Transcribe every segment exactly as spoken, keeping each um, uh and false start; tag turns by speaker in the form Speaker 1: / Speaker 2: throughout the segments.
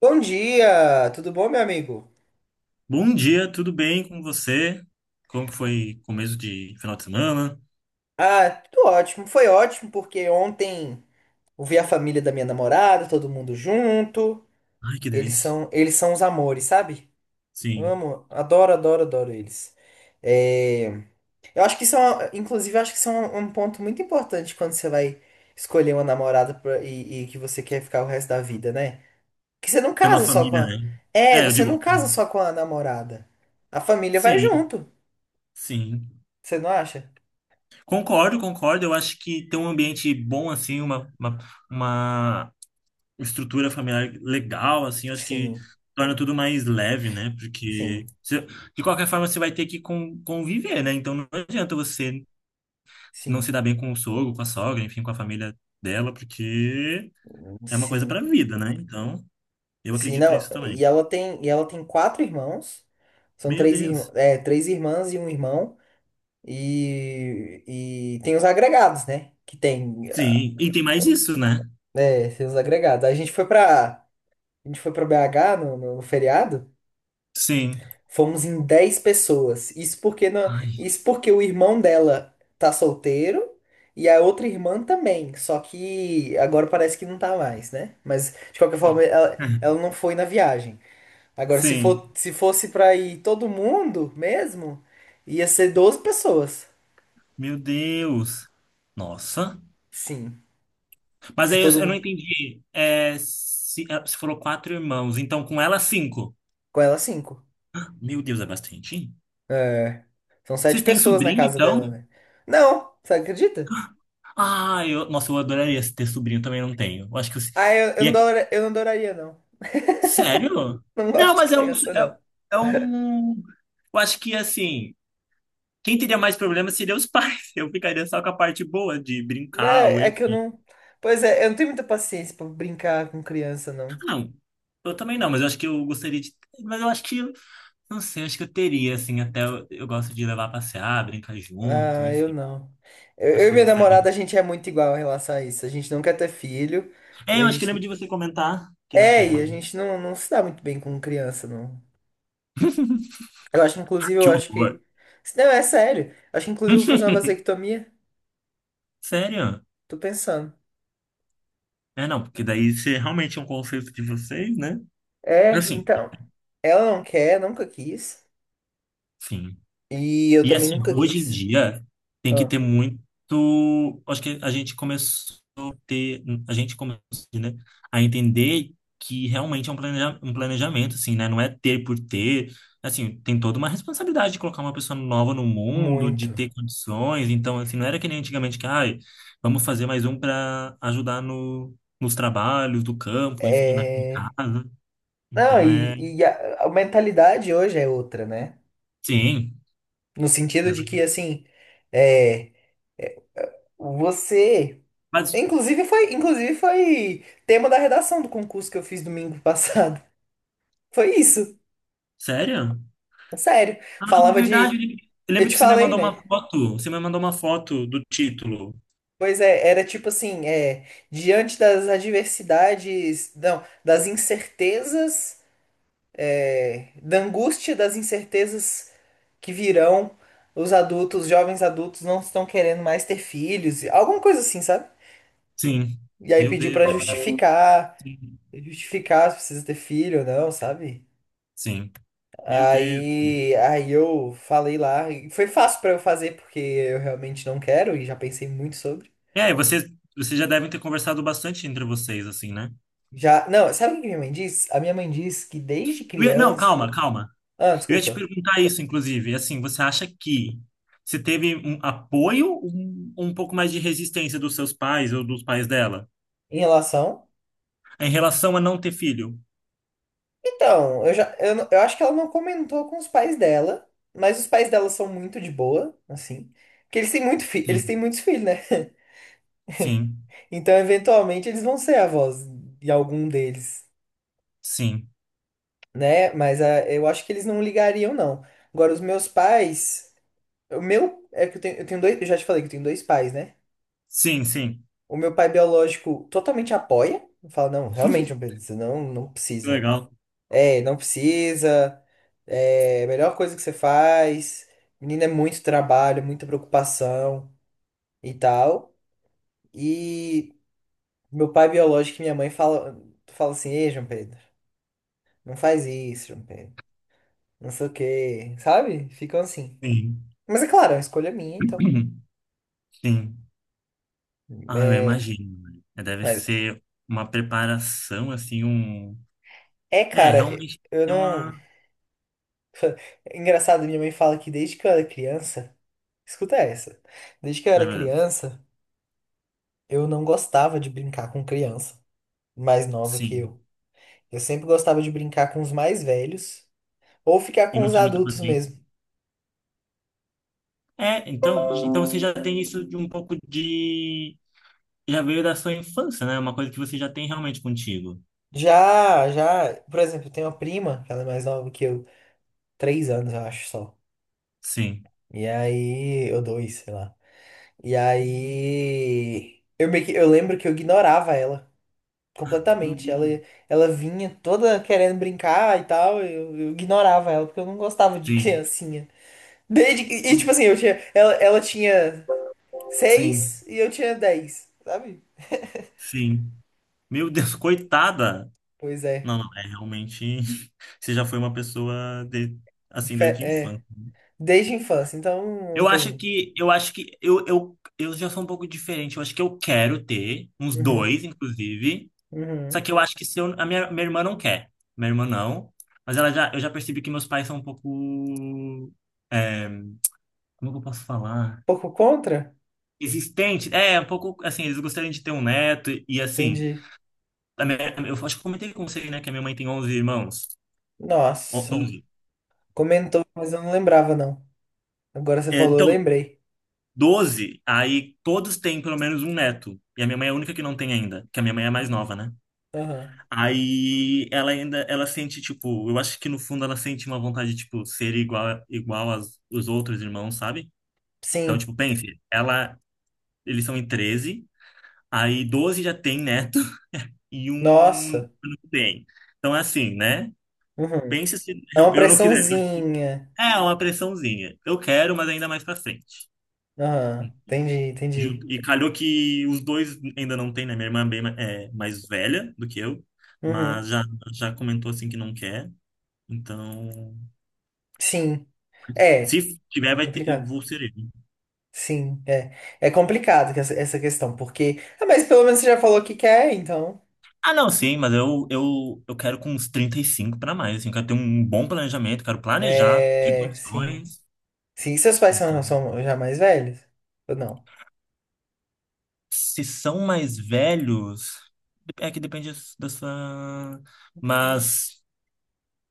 Speaker 1: Bom dia, tudo bom, meu amigo?
Speaker 2: Bom dia, tudo bem com você? Como que foi começo de final de semana?
Speaker 1: Ah, tudo ótimo. Foi ótimo porque ontem eu vi a família da minha namorada, todo mundo junto.
Speaker 2: Ai, que
Speaker 1: Eles
Speaker 2: delícia.
Speaker 1: são, eles são os amores, sabe?
Speaker 2: Sim,
Speaker 1: Amo, adoro, adoro, adoro eles. É, eu acho que isso é, uma- inclusive, eu acho que isso é um, um ponto muito importante quando você vai escolher uma namorada pra- e, e que você quer ficar o resto da vida, né? Que você não
Speaker 2: tem uma
Speaker 1: casa só com
Speaker 2: família,
Speaker 1: a...
Speaker 2: né?
Speaker 1: É,
Speaker 2: É, eu
Speaker 1: você não
Speaker 2: digo,
Speaker 1: casa só com a namorada. A família vai
Speaker 2: sim,
Speaker 1: junto,
Speaker 2: sim.
Speaker 1: você não acha?
Speaker 2: Concordo, concordo. Eu acho que ter um ambiente bom, assim, uma, uma, uma estrutura familiar legal, assim, eu acho que
Speaker 1: Sim,
Speaker 2: torna tudo mais leve, né? Porque,
Speaker 1: sim.
Speaker 2: você- de qualquer forma, você vai ter que con- conviver, né? Então, não adianta você não se
Speaker 1: Sim,
Speaker 2: dar bem com o sogro, com a sogra, enfim, com a família dela, porque É uma coisa para
Speaker 1: sim,
Speaker 2: a vida, né? Então, eu
Speaker 1: sim,
Speaker 2: acredito
Speaker 1: não,
Speaker 2: nisso também.
Speaker 1: e ela tem, e ela tem quatro irmãos, são
Speaker 2: Meu
Speaker 1: três, irm-
Speaker 2: Deus.
Speaker 1: é, três irmãs e um irmão, e, e tem os agregados, né, que tem,
Speaker 2: Sim, e tem mais isso, né?
Speaker 1: é, tem os agregados, a gente foi pra, a gente foi pra B H no, no feriado,
Speaker 2: Sim.
Speaker 1: fomos em dez pessoas, isso porque, não,
Speaker 2: Ai.
Speaker 1: isso porque o irmão dela tá solteiro, e a outra irmã também, só que agora parece que não tá mais, né, mas de qualquer forma, ela, ela não foi na viagem. Agora, se
Speaker 2: Sim.
Speaker 1: for, se fosse pra ir todo mundo mesmo, ia ser doze pessoas.
Speaker 2: Meu Deus. Nossa.
Speaker 1: Sim.
Speaker 2: Mas
Speaker 1: Se
Speaker 2: aí eu,
Speaker 1: todo
Speaker 2: eu não
Speaker 1: mundo.
Speaker 2: entendi. É, se, é, se foram quatro irmãos, então com ela cinco.
Speaker 1: Com ela, cinco.
Speaker 2: Meu Deus, é bastante.
Speaker 1: É. São sete
Speaker 2: Vocês têm
Speaker 1: pessoas na
Speaker 2: sobrinho,
Speaker 1: casa dela,
Speaker 2: então?
Speaker 1: né? Não, você acredita?
Speaker 2: Ah, eu, nossa, eu adoraria ter sobrinho, também não tenho. Eu acho que eu,
Speaker 1: Ah, eu, eu
Speaker 2: e
Speaker 1: não
Speaker 2: é-
Speaker 1: dora- eu não adoraria, não.
Speaker 2: sério?
Speaker 1: Não
Speaker 2: Não,
Speaker 1: gosto de
Speaker 2: mas é um,
Speaker 1: criança, não.
Speaker 2: é, é um. Eu acho que assim. Quem teria mais problemas seria os pais. Eu ficaria só com a parte boa de
Speaker 1: Não,
Speaker 2: brincar, ou
Speaker 1: é que eu
Speaker 2: enfim.
Speaker 1: não. Pois é, eu não tenho muita paciência pra brincar com criança,
Speaker 2: Ah,
Speaker 1: não.
Speaker 2: Não, eu também não, mas eu acho que eu gostaria de. Mas eu acho que, eu não sei, acho que eu teria, assim, até eu, eu gosto de levar a passear, brincar junto,
Speaker 1: Ah, eu
Speaker 2: enfim.
Speaker 1: não. Eu,
Speaker 2: Acho
Speaker 1: eu e
Speaker 2: que eu
Speaker 1: minha namorada,
Speaker 2: gostaria.
Speaker 1: a gente é muito igual em relação a isso. A gente não quer ter filho. E
Speaker 2: É,
Speaker 1: a
Speaker 2: eu acho que
Speaker 1: gente
Speaker 2: lembro de você comentar que não
Speaker 1: é, e a
Speaker 2: quer.
Speaker 1: gente não, não se dá muito bem com criança, não. Eu acho, inclusive,
Speaker 2: Que
Speaker 1: eu acho
Speaker 2: horror.
Speaker 1: que. Não, é sério. Eu acho que, inclusive, eu vou fazer uma vasectomia.
Speaker 2: Sério?
Speaker 1: Tô pensando.
Speaker 2: É, não, porque daí você realmente é um conceito de vocês, né?
Speaker 1: É,
Speaker 2: Assim,
Speaker 1: então. Ela não quer, nunca quis.
Speaker 2: sim.
Speaker 1: E eu
Speaker 2: E
Speaker 1: também
Speaker 2: assim,
Speaker 1: nunca
Speaker 2: hoje em
Speaker 1: quis.
Speaker 2: dia tem que
Speaker 1: Ah,
Speaker 2: ter muito. Acho que a gente começou a ter, a gente começou, né, a entender que realmente é um planeja- um planejamento, assim, né? Não é ter por ter. Assim, tem toda uma responsabilidade de colocar uma pessoa nova no mundo, de
Speaker 1: muito.
Speaker 2: ter condições. Então, assim, não era que nem antigamente que, ai, vamos fazer mais um para ajudar no, nos trabalhos do campo, enfim, na em
Speaker 1: É.
Speaker 2: casa.
Speaker 1: Não,
Speaker 2: Então é.
Speaker 1: e, e a, a mentalidade hoje é outra, né?
Speaker 2: Sim.
Speaker 1: No sentido de que,
Speaker 2: exato.
Speaker 1: assim. É. Você.
Speaker 2: Mas,
Speaker 1: Inclusive foi, inclusive foi tema da redação do concurso que eu fiz domingo passado. Foi isso.
Speaker 2: sério?
Speaker 1: Sério,
Speaker 2: Ah, é
Speaker 1: falava de.
Speaker 2: verdade. Eu lembro eu
Speaker 1: Eu
Speaker 2: lembro
Speaker 1: te
Speaker 2: que você me
Speaker 1: falei,
Speaker 2: mandou uma
Speaker 1: né?
Speaker 2: foto. Você me mandou uma foto do título.
Speaker 1: Pois é, era tipo assim, é, diante das adversidades, não, das incertezas, é, da angústia das incertezas que virão, os adultos, os jovens adultos não estão querendo mais ter filhos, alguma coisa assim, sabe?
Speaker 2: Sim.
Speaker 1: E aí
Speaker 2: Meu
Speaker 1: pediu
Speaker 2: Deus.
Speaker 1: pra
Speaker 2: É maravilhoso.
Speaker 1: justificar,
Speaker 2: Sim.
Speaker 1: justificar se precisa ter filho ou não, sabe?
Speaker 2: Sim. Meu Deus.
Speaker 1: Aí, aí eu falei lá, e foi fácil pra eu fazer porque eu realmente não quero e já pensei muito sobre.
Speaker 2: É, E aí, vocês, vocês já devem ter conversado bastante entre vocês, assim, né?
Speaker 1: Já, não, sabe o que que minha mãe diz? A minha mãe diz que desde
Speaker 2: Eu ia- não,
Speaker 1: criança.
Speaker 2: calma, calma.
Speaker 1: Ah,
Speaker 2: Eu ia te
Speaker 1: desculpa.
Speaker 2: perguntar isso, inclusive. Assim, você acha que você teve um apoio ou um, um pouco mais de resistência dos seus pais ou dos pais dela
Speaker 1: Em relação.
Speaker 2: em relação a não ter filho?
Speaker 1: Então, eu já, eu, não- eu acho que ela não comentou com os pais dela, mas os pais dela são muito de boa, assim. Porque eles têm muito fi, eles
Speaker 2: Sim,
Speaker 1: têm muitos filhos, né?
Speaker 2: sim,
Speaker 1: Então, eventualmente, eles vão ser avós de algum deles,
Speaker 2: sim.
Speaker 1: né? Mas ah, eu acho que eles não ligariam, não. Agora, os meus pais. O meu é que eu tenho, eu tenho dois. Eu já te falei que eu tenho dois pais, né?
Speaker 2: Sim, sim.
Speaker 1: O meu pai biológico totalmente apoia. Fala, não, realmente não precisa, não, não precisa.
Speaker 2: Legal.
Speaker 1: É, não precisa. É a melhor coisa que você faz. Menina, é muito trabalho, muita preocupação e tal. E meu pai biológico e minha mãe fala, fala assim, ei, João Pedro, não faz isso, João Pedro. Não sei o quê, sabe? Ficam assim.
Speaker 2: Sim.
Speaker 1: Mas é claro, é uma escolha minha, então.
Speaker 2: Sim. Ah, eu
Speaker 1: É,
Speaker 2: imagino. né? É, Deve
Speaker 1: mas
Speaker 2: ser uma preparação, assim, um.
Speaker 1: é,
Speaker 2: É,
Speaker 1: cara,
Speaker 2: realmente
Speaker 1: eu
Speaker 2: tem
Speaker 1: não.
Speaker 2: uma.
Speaker 1: É engraçado, minha mãe fala que desde que eu era criança. Escuta essa. Desde que eu
Speaker 2: Ai,
Speaker 1: era
Speaker 2: meu Deus.
Speaker 1: criança, eu não gostava de brincar com criança mais nova que
Speaker 2: Sim.
Speaker 1: eu. Eu sempre gostava de brincar com os mais velhos ou ficar
Speaker 2: E
Speaker 1: com
Speaker 2: não
Speaker 1: os
Speaker 2: tem muita
Speaker 1: adultos
Speaker 2: paciência.
Speaker 1: mesmo.
Speaker 2: É, então, então você já tem isso de um pouco de. Já veio da sua infância, né? É Uma coisa que você já tem realmente contigo.
Speaker 1: Já, já, por exemplo, eu tenho uma prima, que ela é mais nova que eu, três anos, eu acho só.
Speaker 2: Sim.
Speaker 1: E aí, ou dois, sei lá. E aí, eu meio que, eu lembro que eu ignorava ela
Speaker 2: Meu
Speaker 1: completamente. Ela,
Speaker 2: Deus.
Speaker 1: ela vinha toda querendo brincar e tal, eu, eu ignorava ela porque eu não gostava de
Speaker 2: Sim.
Speaker 1: criancinha. Desde, e, e,
Speaker 2: Co-
Speaker 1: tipo assim, eu tinha, ela, ela tinha
Speaker 2: Sim.
Speaker 1: seis e eu tinha dez, sabe?
Speaker 2: Sim. Meu Deus, coitada!
Speaker 1: Pois é.
Speaker 2: Não, não, é realmente. Você já foi uma pessoa de... assim
Speaker 1: Dife-
Speaker 2: desde a
Speaker 1: É.
Speaker 2: infância.
Speaker 1: Desde a infância, então não
Speaker 2: Eu acho
Speaker 1: tem.
Speaker 2: que eu acho que eu, eu, eu já sou um pouco diferente. Eu acho que eu quero ter uns
Speaker 1: Uhum,
Speaker 2: dois, inclusive. Só
Speaker 1: uhum.
Speaker 2: que eu acho que se eu, a minha, minha irmã não quer. Minha irmã não. Mas ela já, eu já percebi que meus pais são um pouco. é, como que eu posso falar?
Speaker 1: Pouco contra?
Speaker 2: Existente. É, um pouco assim, eles gostariam de ter um neto. E assim,
Speaker 1: Entendi.
Speaker 2: a minha- eu acho que eu comentei com você, né, que a minha mãe tem onze irmãos. Ó,
Speaker 1: Nossa.
Speaker 2: doze.
Speaker 1: Comentou, mas eu não lembrava, não. Agora você
Speaker 2: É,
Speaker 1: falou, eu
Speaker 2: então,
Speaker 1: lembrei.
Speaker 2: doze aí todos têm pelo menos um neto. E a minha mãe é a única que não tem ainda, que a minha mãe é a mais nova, né?
Speaker 1: Aham.
Speaker 2: Aí ela ainda, ela sente, tipo, eu acho que no fundo ela sente uma vontade de, tipo, ser igual, igual aos, os outros irmãos, sabe? Então,
Speaker 1: Sim.
Speaker 2: tipo, pense, ela, eles são em treze aí doze já tem neto e um
Speaker 1: Nossa.
Speaker 2: não tem. Então, é assim, né?
Speaker 1: Uhum.
Speaker 2: Pense se
Speaker 1: É
Speaker 2: eu
Speaker 1: uma
Speaker 2: eu não quisesse.
Speaker 1: pressãozinha.
Speaker 2: É uma pressãozinha. Eu quero, mas ainda mais pra frente.
Speaker 1: Aham. Entendi,
Speaker 2: Ju-
Speaker 1: entendi.
Speaker 2: E calhou que os dois ainda não tem, né? Minha irmã é bem ma- é, mais velha do que eu,
Speaker 1: Uhum.
Speaker 2: mas já, já comentou assim que não quer. Então.
Speaker 1: Sim.
Speaker 2: Se
Speaker 1: É,
Speaker 2: tiver,
Speaker 1: é
Speaker 2: vai ter, eu
Speaker 1: complicado.
Speaker 2: vou ser ele.
Speaker 1: Sim, é. É complicado que essa essa questão, porque. Ah, mas pelo menos você já falou que quer, então.
Speaker 2: Ah, não, sim, mas eu, eu, eu quero com uns trinta e cinco para mais, assim, eu quero ter um bom planejamento, quero planejar, ter
Speaker 1: É, sim.
Speaker 2: condições.
Speaker 1: Sim, seus pais são,
Speaker 2: Então,
Speaker 1: são já mais velhos? Ou não?
Speaker 2: se são mais velhos, é que depende das- da sua... Mas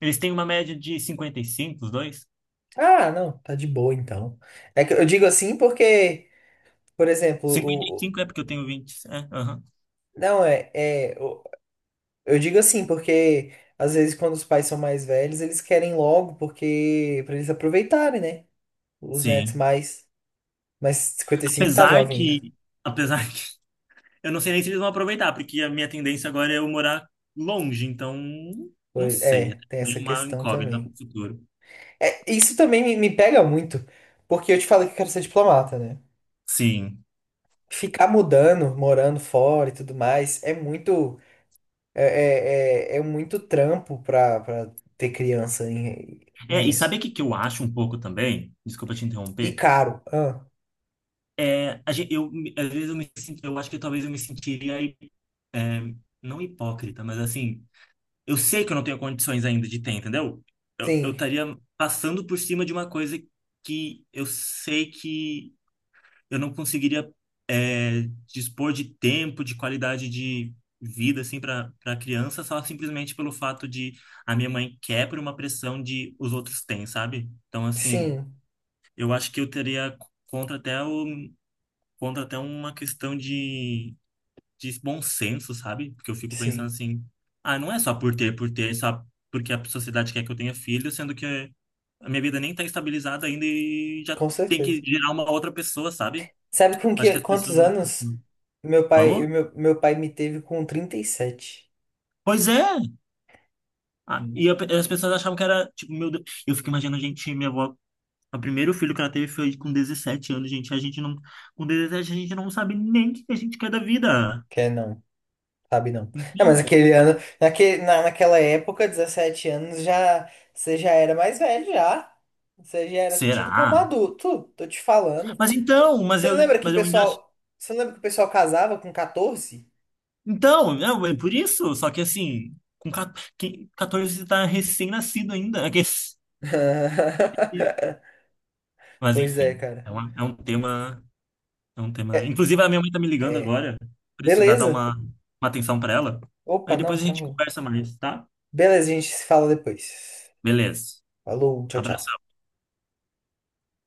Speaker 2: eles têm uma média de cinquenta e cinco os dois?
Speaker 1: Ah, não, tá de boa então. É que eu digo assim porque, por exemplo,
Speaker 2: cinquenta e
Speaker 1: o. o-
Speaker 2: cinco é porque eu tenho vinte é, aham.
Speaker 1: não, é. é o- eu digo assim porque, às vezes, quando os pais são mais velhos, eles querem logo, porque. Pra eles aproveitarem, né? Os netos
Speaker 2: Sim.
Speaker 1: mais. Mas cinquenta e cinco tá
Speaker 2: Apesar
Speaker 1: jovem
Speaker 2: que,
Speaker 1: ainda.
Speaker 2: apesar eu não sei nem se eles vão aproveitar, porque a minha tendência agora é eu morar longe, então não
Speaker 1: Foi-
Speaker 2: sei. É
Speaker 1: É, tem essa
Speaker 2: uma
Speaker 1: questão
Speaker 2: incógnita para
Speaker 1: também.
Speaker 2: o futuro.
Speaker 1: É, isso também me, me pega muito, porque eu te falei que eu quero ser diplomata, né?
Speaker 2: Sim.
Speaker 1: Ficar mudando, morando fora e tudo mais, é muito, é, é, é- é muito trampo pra, pra ter criança em-
Speaker 2: É, e
Speaker 1: nisso.
Speaker 2: sabe o que que eu acho um pouco também? Desculpa te
Speaker 1: E
Speaker 2: interromper.
Speaker 1: caro. Ah,
Speaker 2: É, a gente, eu, me- às vezes eu me sinto, eu acho que talvez eu me sentiria, é, não hipócrita, mas assim, eu sei que eu não tenho condições ainda de ter, entendeu? Eu, eu
Speaker 1: sim,
Speaker 2: estaria passando por cima de uma coisa que eu sei que eu não conseguiria dispor de tempo, de qualidade de vida, assim, para para criança, só simplesmente pelo fato de a minha mãe quer por uma pressão de os outros têm, sabe? Então, assim,
Speaker 1: sim,
Speaker 2: eu acho que eu teria contra até o, contra até uma questão de, de bom senso, sabe? Porque eu fico pensando
Speaker 1: sim,
Speaker 2: assim, ah, não é só por ter, por ter, é só porque a sociedade quer que eu tenha filho, sendo que a minha vida nem tá estabilizada ainda e já
Speaker 1: com
Speaker 2: tem que
Speaker 1: certeza.
Speaker 2: gerar uma outra pessoa, sabe?
Speaker 1: Sabe com
Speaker 2: Acho que
Speaker 1: que,
Speaker 2: as pessoas...
Speaker 1: quantos anos meu pai,
Speaker 2: Vamos?
Speaker 1: meu, meu pai me teve com trinta e sete?
Speaker 2: Pois é, Ah, e
Speaker 1: Hum.
Speaker 2: eu- as pessoas achavam que era, tipo, meu Deus. Eu fico imaginando a gente, minha avó, o primeiro filho que ela teve foi com dezessete anos, gente. A gente não, Com dezessete a gente não sabe nem o que a gente quer da vida.
Speaker 1: Quer não? Sabe não. É, mas
Speaker 2: Então,
Speaker 1: aquele ano, naque- na, naquela época, dezessete anos, já você já era mais velho já. Você já era tido como
Speaker 2: será?
Speaker 1: adulto, tô te falando.
Speaker 2: Mas então, mas
Speaker 1: Você não
Speaker 2: eu,
Speaker 1: lembra que
Speaker 2: mas
Speaker 1: o
Speaker 2: eu ainda acho.
Speaker 1: pessoal, você não lembra que o pessoal casava com catorze?
Speaker 2: Então, é, é por isso. Só que assim, com ca- que- catorze você tá recém-nascido ainda. É que- Mas
Speaker 1: Pois é,
Speaker 2: enfim, é,
Speaker 1: cara.
Speaker 2: uma, é um tema, é um tema.
Speaker 1: É.
Speaker 2: Inclusive, a minha mãe tá me ligando
Speaker 1: é.
Speaker 2: agora. Precisar dar
Speaker 1: Beleza.
Speaker 2: uma, uma atenção pra ela. Aí
Speaker 1: Opa, não,
Speaker 2: depois a gente
Speaker 1: tranquilo.
Speaker 2: conversa mais, tá?
Speaker 1: Beleza, a gente se fala depois.
Speaker 2: Beleza.
Speaker 1: Falou, tchau, tchau.
Speaker 2: Abração.